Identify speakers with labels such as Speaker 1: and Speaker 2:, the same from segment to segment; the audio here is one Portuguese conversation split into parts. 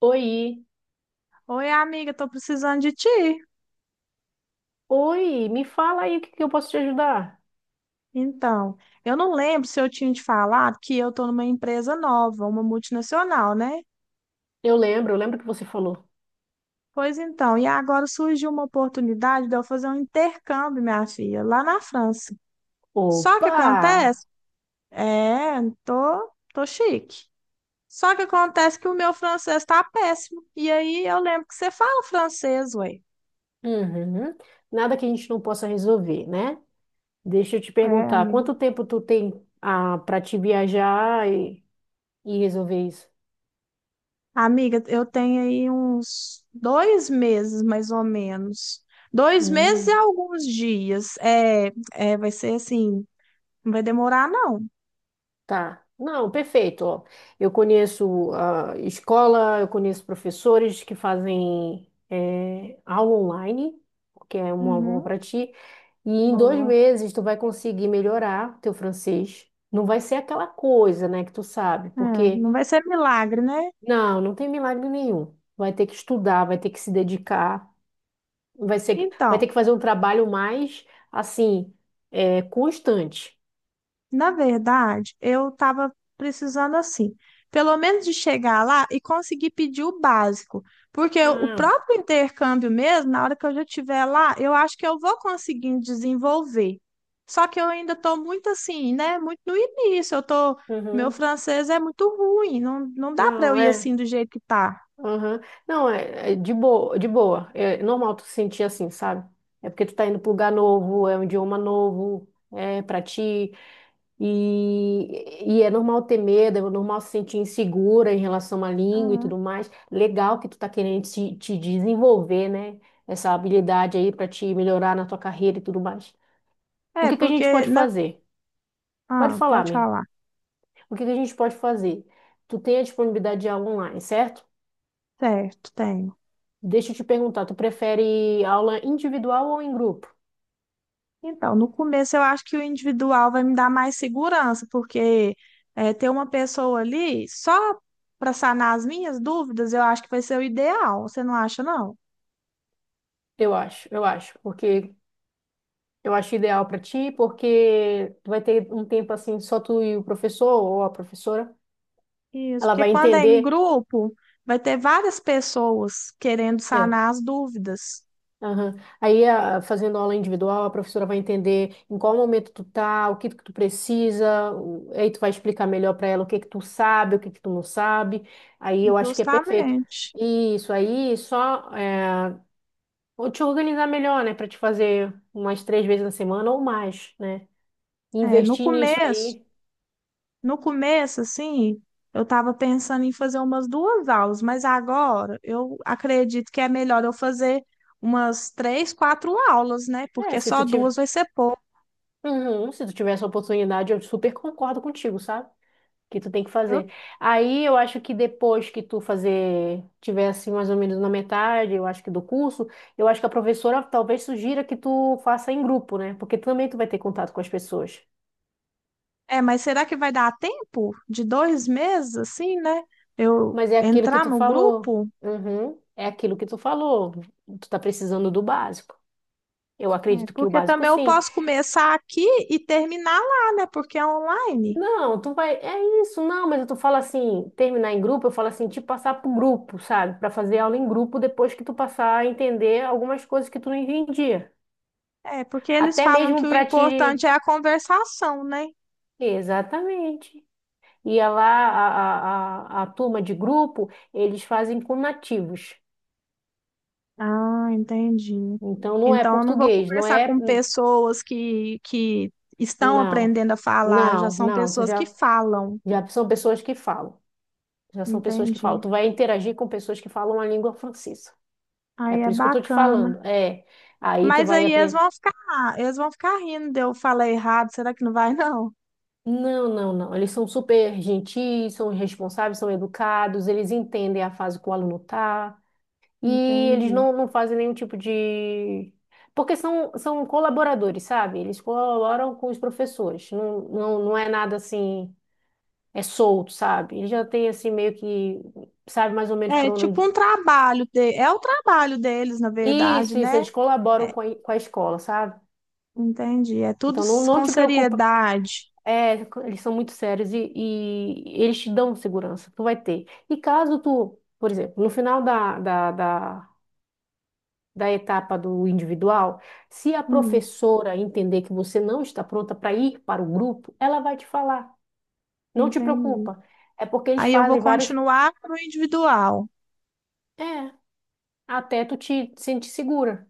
Speaker 1: Oi,
Speaker 2: Oi, amiga, tô precisando de ti.
Speaker 1: oi, me fala aí o que que eu posso te ajudar.
Speaker 2: Então, eu não lembro se eu tinha te falado que eu tô numa empresa nova, uma multinacional, né?
Speaker 1: Eu lembro que você falou.
Speaker 2: Pois então, e agora surgiu uma oportunidade de eu fazer um intercâmbio, minha filha, lá na França. Só que
Speaker 1: Opa!
Speaker 2: acontece, é, tô chique. Só que acontece que o meu francês tá péssimo. E aí eu lembro que você fala francês, ué.
Speaker 1: Uhum. Nada que a gente não possa resolver, né? Deixa eu te
Speaker 2: É,
Speaker 1: perguntar,
Speaker 2: amiga.
Speaker 1: quanto tempo tu tem para te viajar e resolver isso?
Speaker 2: Amiga, eu tenho aí uns dois meses, mais ou menos. Dois meses e
Speaker 1: Hum,
Speaker 2: alguns dias. Vai ser assim, não vai demorar, não.
Speaker 1: tá. Não, perfeito. Ó, eu conheço a escola, eu conheço professores que fazem aula online, que é uma boa
Speaker 2: Uhum,
Speaker 1: para ti. E em dois
Speaker 2: boa.
Speaker 1: meses tu vai conseguir melhorar teu francês. Não vai ser aquela coisa, né, que tu sabe,
Speaker 2: É,
Speaker 1: porque
Speaker 2: não vai ser milagre, né?
Speaker 1: não, não tem milagre nenhum. Vai ter que estudar, vai ter que se dedicar, vai ser, vai ter
Speaker 2: Então,
Speaker 1: que fazer um trabalho mais assim, é, constante.
Speaker 2: Na verdade, eu estava precisando assim, pelo menos de chegar lá e conseguir pedir o básico, porque o
Speaker 1: Ah,
Speaker 2: próprio intercâmbio mesmo, na hora que eu já estiver lá, eu acho que eu vou conseguindo desenvolver. Só que eu ainda estou muito assim, né? Muito no início, meu
Speaker 1: uhum.
Speaker 2: francês é muito ruim, não dá para eu
Speaker 1: Não,
Speaker 2: ir
Speaker 1: é.
Speaker 2: assim do jeito que tá.
Speaker 1: Uhum. Não, é, é de boa, de boa. É normal tu se sentir assim, sabe? É porque tu tá indo para lugar novo, é um idioma novo, é para ti. E é normal ter medo, é normal se sentir insegura em relação à língua e
Speaker 2: Uhum.
Speaker 1: tudo mais. Legal que tu tá querendo te desenvolver, né? Essa habilidade aí para te melhorar na tua carreira e tudo mais. O
Speaker 2: É,
Speaker 1: que que a gente
Speaker 2: porque
Speaker 1: pode
Speaker 2: na...
Speaker 1: fazer? Pode
Speaker 2: Ah,
Speaker 1: falar,
Speaker 2: pode
Speaker 1: amiga.
Speaker 2: falar.
Speaker 1: O que que a gente pode fazer? Tu tem a disponibilidade de aula online, certo?
Speaker 2: Certo, tenho.
Speaker 1: Deixa eu te perguntar, tu prefere aula individual ou em grupo?
Speaker 2: Então, no começo eu acho que o individual vai me dar mais segurança, porque é, ter uma pessoa ali só para sanar as minhas dúvidas, eu acho que vai ser o ideal. Você não acha, não?
Speaker 1: Eu acho, porque eu acho ideal para ti, porque tu vai ter um tempo assim só tu e o professor ou a professora.
Speaker 2: Isso,
Speaker 1: Ela
Speaker 2: porque
Speaker 1: vai
Speaker 2: quando é
Speaker 1: entender.
Speaker 2: em grupo, vai ter várias pessoas querendo
Speaker 1: É.
Speaker 2: sanar as dúvidas.
Speaker 1: Aham. Aí, fazendo aula individual, a professora vai entender em qual momento tu tá, o que que tu precisa, aí tu vai explicar melhor para ela o que que tu sabe, o que que tu não sabe. Aí eu acho que é perfeito.
Speaker 2: Justamente.
Speaker 1: Isso aí, só é, vou te organizar melhor, né, para te fazer umas três vezes na semana ou mais, né?
Speaker 2: É, no
Speaker 1: Investir nisso
Speaker 2: começo,
Speaker 1: aí.
Speaker 2: no começo, assim, eu estava pensando em fazer umas duas aulas, mas agora eu acredito que é melhor eu fazer umas três, quatro aulas, né?
Speaker 1: É,
Speaker 2: Porque
Speaker 1: se
Speaker 2: só
Speaker 1: tu
Speaker 2: duas
Speaker 1: tiver,
Speaker 2: vai ser pouco.
Speaker 1: uhum, se tu tiver essa oportunidade, eu super concordo contigo, sabe? Que tu tem que
Speaker 2: Eu-
Speaker 1: fazer. Aí eu acho que depois que tu fazer, tiver assim mais ou menos na metade, eu acho que do curso, eu acho que a professora talvez sugira que tu faça em grupo, né? Porque também tu vai ter contato com as pessoas.
Speaker 2: É, mas será que vai dar tempo de dois meses, assim, né? Eu
Speaker 1: Mas é aquilo que
Speaker 2: entrar
Speaker 1: tu
Speaker 2: no
Speaker 1: falou.
Speaker 2: grupo?
Speaker 1: Uhum, é aquilo que tu falou. Tu tá precisando do básico. Eu
Speaker 2: É,
Speaker 1: acredito que o
Speaker 2: porque
Speaker 1: básico
Speaker 2: também eu
Speaker 1: sim.
Speaker 2: posso começar aqui e terminar lá, né? Porque é online.
Speaker 1: Não, tu vai. É isso, não, mas tu fala assim, terminar em grupo, eu falo assim, te passar pro grupo, sabe? Pra fazer aula em grupo depois que tu passar a entender algumas coisas que tu não entendia.
Speaker 2: É, porque eles
Speaker 1: Até
Speaker 2: falam que
Speaker 1: mesmo
Speaker 2: o
Speaker 1: para te.
Speaker 2: importante é a conversação, né?
Speaker 1: Exatamente. E a lá a turma de grupo, eles fazem com nativos.
Speaker 2: Ah, entendi.
Speaker 1: Então não é
Speaker 2: Então eu não vou
Speaker 1: português, não
Speaker 2: conversar
Speaker 1: é.
Speaker 2: com pessoas que estão
Speaker 1: Não,
Speaker 2: aprendendo a falar, já
Speaker 1: não,
Speaker 2: são
Speaker 1: não. Tu
Speaker 2: pessoas que
Speaker 1: já,
Speaker 2: falam.
Speaker 1: já são pessoas que falam. Já são pessoas que falam.
Speaker 2: Entendi.
Speaker 1: Tu vai interagir com pessoas que falam a língua francesa. É
Speaker 2: Aí
Speaker 1: por
Speaker 2: é
Speaker 1: isso que eu tô te
Speaker 2: bacana.
Speaker 1: falando. É. Aí tu
Speaker 2: Mas
Speaker 1: vai
Speaker 2: aí
Speaker 1: aprender.
Speaker 2: eles vão ficar rindo de eu falar errado. Será que não vai, não?
Speaker 1: Não, não, não. Eles são super gentis, são responsáveis, são educados, eles entendem a fase que o aluno tá. E eles
Speaker 2: Entendi.
Speaker 1: não, não fazem nenhum tipo de. Porque são, são colaboradores, sabe? Eles colaboram com os professores. Não, não, não é nada assim, é solto, sabe? Eles já têm assim meio que, sabe mais ou menos por onde.
Speaker 2: É o trabalho deles, na verdade,
Speaker 1: Isso,
Speaker 2: né?
Speaker 1: eles colaboram
Speaker 2: É,
Speaker 1: com a escola, sabe?
Speaker 2: entendi. É tudo
Speaker 1: Então não, não
Speaker 2: com
Speaker 1: te preocupa.
Speaker 2: seriedade.
Speaker 1: É, eles são muito sérios e eles te dão segurança, tu vai ter. E caso tu, por exemplo, no final da etapa do individual, se a
Speaker 2: Hum,
Speaker 1: professora entender que você não está pronta para ir para o grupo, ela vai te falar. Não te
Speaker 2: entendi.
Speaker 1: preocupa. É porque eles
Speaker 2: Aí eu vou
Speaker 1: fazem vários.
Speaker 2: continuar no individual
Speaker 1: É, até tu te sentir segura.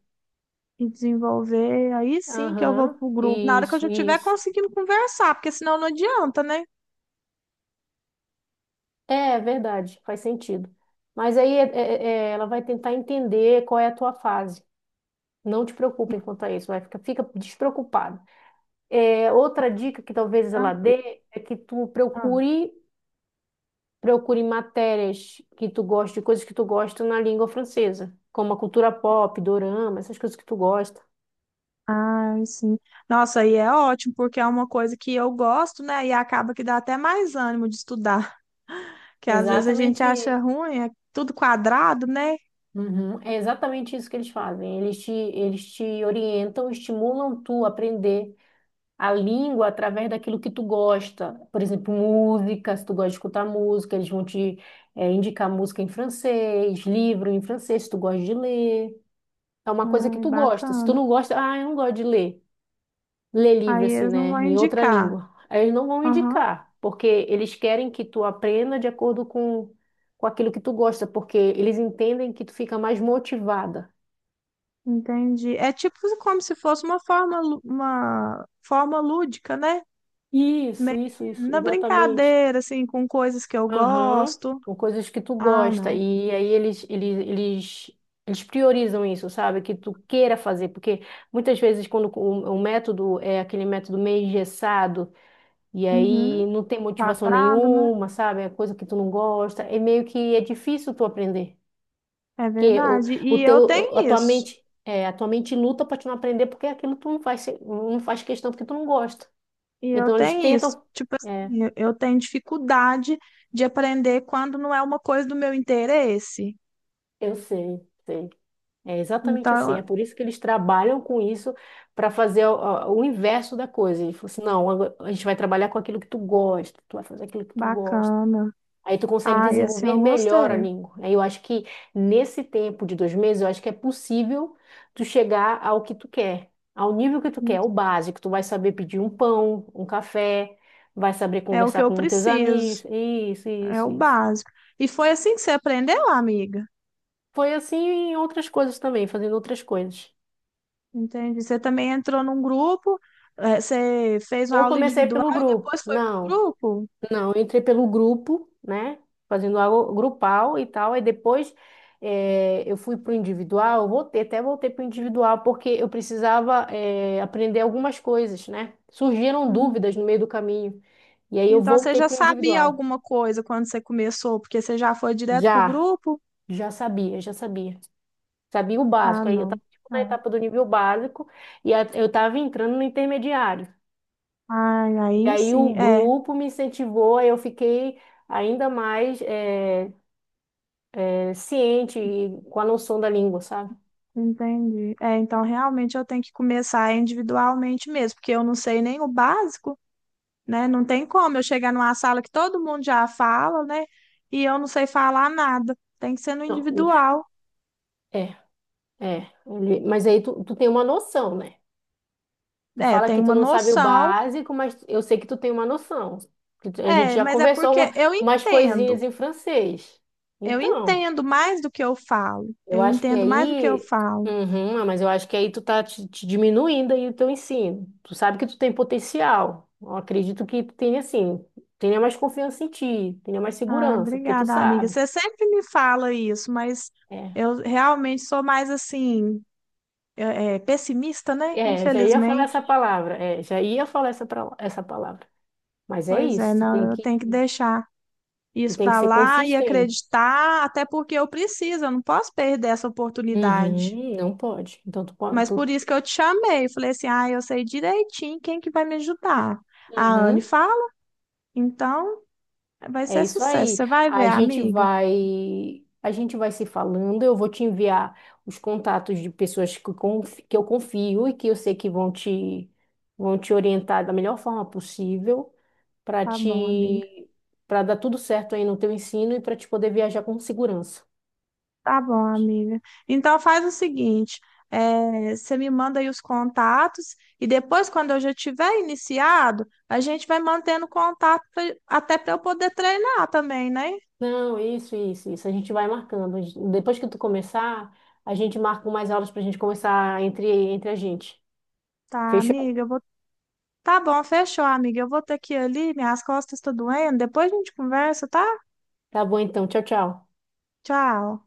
Speaker 2: e desenvolver. Aí sim que eu vou
Speaker 1: Aham,
Speaker 2: pro grupo. Na hora que eu já
Speaker 1: isso,
Speaker 2: estiver
Speaker 1: isso.
Speaker 2: conseguindo conversar, porque senão não adianta, né?
Speaker 1: É, é verdade, faz sentido. Mas aí é, ela vai tentar entender qual é a tua fase. Não te preocupe quanto a isso, vai fica, fica despreocupado. É, outra dica que talvez ela
Speaker 2: Tranquilo.
Speaker 1: dê é que tu
Speaker 2: Ah,
Speaker 1: procure. Procure matérias que tu gosta, coisas que tu gosta na língua francesa, como a cultura pop, dorama, essas coisas que tu gosta.
Speaker 2: ah, sim. Nossa, aí é ótimo, porque é uma coisa que eu gosto, né? E acaba que dá até mais ânimo de estudar. Que às vezes a gente
Speaker 1: Exatamente.
Speaker 2: acha
Speaker 1: Isso.
Speaker 2: ruim, é tudo quadrado, né?
Speaker 1: Uhum, é exatamente isso que eles fazem. Eles te orientam, estimulam tu a aprender a língua através daquilo que tu gosta. Por exemplo, música, se tu gosta de escutar música, eles vão te, indicar música em francês, livro em francês, se tu gosta de ler. É uma coisa que
Speaker 2: Ai,
Speaker 1: tu gosta. Se tu
Speaker 2: bacana.
Speaker 1: não gosta, ah, eu não gosto de ler. Ler livro
Speaker 2: Aí
Speaker 1: assim,
Speaker 2: eles não
Speaker 1: né,
Speaker 2: vão
Speaker 1: em outra
Speaker 2: indicar.
Speaker 1: língua. Aí eles não vão
Speaker 2: Aham.
Speaker 1: indicar, porque eles querem que tu aprenda de acordo com aquilo que tu gosta, porque eles entendem que tu fica mais motivada.
Speaker 2: Entendi. É tipo como se fosse uma forma, uma forma lúdica, né?
Speaker 1: Isso,
Speaker 2: Meio que
Speaker 1: isso, isso,
Speaker 2: na
Speaker 1: exatamente.
Speaker 2: brincadeira, assim, com coisas que eu
Speaker 1: Aham.
Speaker 2: gosto.
Speaker 1: Com coisas que tu
Speaker 2: Ah,
Speaker 1: gosta.
Speaker 2: não.
Speaker 1: E aí eles priorizam isso, sabe? Que tu queira fazer, porque muitas vezes quando o método é aquele método meio engessado, e
Speaker 2: Uhum.
Speaker 1: aí não tem motivação
Speaker 2: Quadrado, né?
Speaker 1: nenhuma, sabe? É coisa que tu não gosta. É meio que é difícil tu aprender.
Speaker 2: É
Speaker 1: Porque
Speaker 2: verdade.
Speaker 1: a tua mente, é, a tua mente luta para tu não aprender porque aquilo tu não faz, não faz questão porque tu não gosta.
Speaker 2: E eu
Speaker 1: Então eles
Speaker 2: tenho isso.
Speaker 1: tentam.
Speaker 2: Tipo
Speaker 1: É,
Speaker 2: assim, eu tenho dificuldade de aprender quando não é uma coisa do meu interesse.
Speaker 1: eu sei, sei. É exatamente assim. É
Speaker 2: Então,
Speaker 1: por isso que eles trabalham com isso para fazer o inverso da coisa. Ele falou assim: não, agora a gente vai trabalhar com aquilo que tu gosta, tu vai fazer aquilo que tu gosta.
Speaker 2: bacana.
Speaker 1: Aí tu consegue
Speaker 2: Ai, assim
Speaker 1: desenvolver
Speaker 2: eu
Speaker 1: melhor a
Speaker 2: gostei.
Speaker 1: língua. Aí eu acho que nesse tempo de dois meses, eu acho que é possível tu chegar ao que tu quer, ao nível que tu quer, o básico. Tu vai saber pedir um pão, um café, vai saber
Speaker 2: É o que
Speaker 1: conversar
Speaker 2: eu
Speaker 1: com teus
Speaker 2: preciso.
Speaker 1: amigos. Isso,
Speaker 2: É o
Speaker 1: isso, isso.
Speaker 2: básico. E foi assim que você aprendeu, amiga.
Speaker 1: Foi assim em outras coisas também, fazendo outras coisas.
Speaker 2: Entende? Você também entrou num grupo, você fez uma
Speaker 1: Eu
Speaker 2: aula
Speaker 1: comecei
Speaker 2: individual
Speaker 1: pelo
Speaker 2: e
Speaker 1: grupo.
Speaker 2: depois foi pro
Speaker 1: Não.
Speaker 2: grupo.
Speaker 1: Não, eu entrei pelo grupo, né? Fazendo algo grupal e tal. Aí depois eu fui para o individual, eu voltei, até voltei para o individual, porque eu precisava aprender algumas coisas, né? Surgiram
Speaker 2: Hum.
Speaker 1: dúvidas no meio do caminho. E aí eu
Speaker 2: Então você
Speaker 1: voltei
Speaker 2: já
Speaker 1: para o
Speaker 2: sabia
Speaker 1: individual.
Speaker 2: alguma coisa quando você começou, porque você já foi direto pro
Speaker 1: Já,
Speaker 2: grupo?
Speaker 1: já sabia, já sabia. Sabia o
Speaker 2: Ah,
Speaker 1: básico. Aí eu
Speaker 2: não.
Speaker 1: estava na
Speaker 2: É.
Speaker 1: etapa do nível básico eu estava entrando no intermediário.
Speaker 2: Ai,
Speaker 1: E
Speaker 2: aí
Speaker 1: aí
Speaker 2: sim.
Speaker 1: o
Speaker 2: É,
Speaker 1: grupo me incentivou, aí eu fiquei ainda mais. Ciente e com a noção da língua, sabe?
Speaker 2: entendi. É, então realmente eu tenho que começar individualmente mesmo, porque eu não sei nem o básico. Né? Não tem como eu chegar numa sala que todo mundo já fala, né? E eu não sei falar nada. Tem que ser no
Speaker 1: Não,
Speaker 2: individual.
Speaker 1: é, é. Mas aí tu, tu tem uma noção, né? Tu
Speaker 2: É,
Speaker 1: fala
Speaker 2: tem
Speaker 1: que tu
Speaker 2: uma
Speaker 1: não sabe o
Speaker 2: noção.
Speaker 1: básico, mas eu sei que tu tem uma noção. A gente
Speaker 2: É,
Speaker 1: já
Speaker 2: mas é
Speaker 1: conversou
Speaker 2: porque eu
Speaker 1: umas coisinhas
Speaker 2: entendo.
Speaker 1: em francês.
Speaker 2: Eu
Speaker 1: Então,
Speaker 2: entendo mais do que eu falo.
Speaker 1: eu
Speaker 2: Eu
Speaker 1: acho que
Speaker 2: entendo mais do que eu
Speaker 1: aí.
Speaker 2: falo.
Speaker 1: Uhum, ah, mas eu acho que aí tu tá te, te diminuindo aí o teu ensino. Tu sabe que tu tem potencial. Eu acredito que tu tenha, assim, tenha mais confiança em ti, tenha mais
Speaker 2: Ah,
Speaker 1: segurança, porque tu
Speaker 2: obrigada, amiga.
Speaker 1: sabe.
Speaker 2: Você sempre me fala isso, mas
Speaker 1: É.
Speaker 2: eu realmente sou mais assim, pessimista, né?
Speaker 1: É, já ia falar essa
Speaker 2: Infelizmente.
Speaker 1: palavra. É, já ia falar essa, essa palavra. Mas é
Speaker 2: Pois é,
Speaker 1: isso,
Speaker 2: não, eu tenho que deixar
Speaker 1: tu
Speaker 2: isso
Speaker 1: tem que
Speaker 2: para
Speaker 1: ser
Speaker 2: lá e
Speaker 1: consistente.
Speaker 2: acreditar, até porque eu preciso, eu não posso perder essa oportunidade.
Speaker 1: Uhum, não pode. Então tu pode,
Speaker 2: Mas por
Speaker 1: tu,
Speaker 2: isso que eu te chamei, falei assim: "Ah, eu sei direitinho quem que vai me ajudar". A Anne
Speaker 1: uhum,
Speaker 2: fala: "Então, vai
Speaker 1: é
Speaker 2: ser
Speaker 1: isso
Speaker 2: sucesso,
Speaker 1: aí.
Speaker 2: você vai ver, amiga".
Speaker 1: A gente vai se falando, eu vou te enviar os contatos de pessoas que, que eu confio e que eu sei que vão te orientar da melhor forma possível para
Speaker 2: Tá bom, amiga.
Speaker 1: te para dar tudo certo aí no teu ensino e para te poder viajar com segurança.
Speaker 2: Tá bom, amiga. Então faz o seguinte, você me manda aí os contatos e depois, quando eu já tiver iniciado, a gente vai mantendo contato até para eu poder treinar também, né?
Speaker 1: Não, isso, isso, isso. A gente vai marcando. Depois que tu começar, a gente marca mais aulas pra gente começar entre, entre a gente.
Speaker 2: Tá,
Speaker 1: Fechou?
Speaker 2: amiga, eu vou Tá bom, fechou, amiga. Eu vou ter que ir ali, minhas costas estão doendo. Depois a gente conversa, tá?
Speaker 1: Tá bom então. Tchau, tchau.
Speaker 2: Tchau.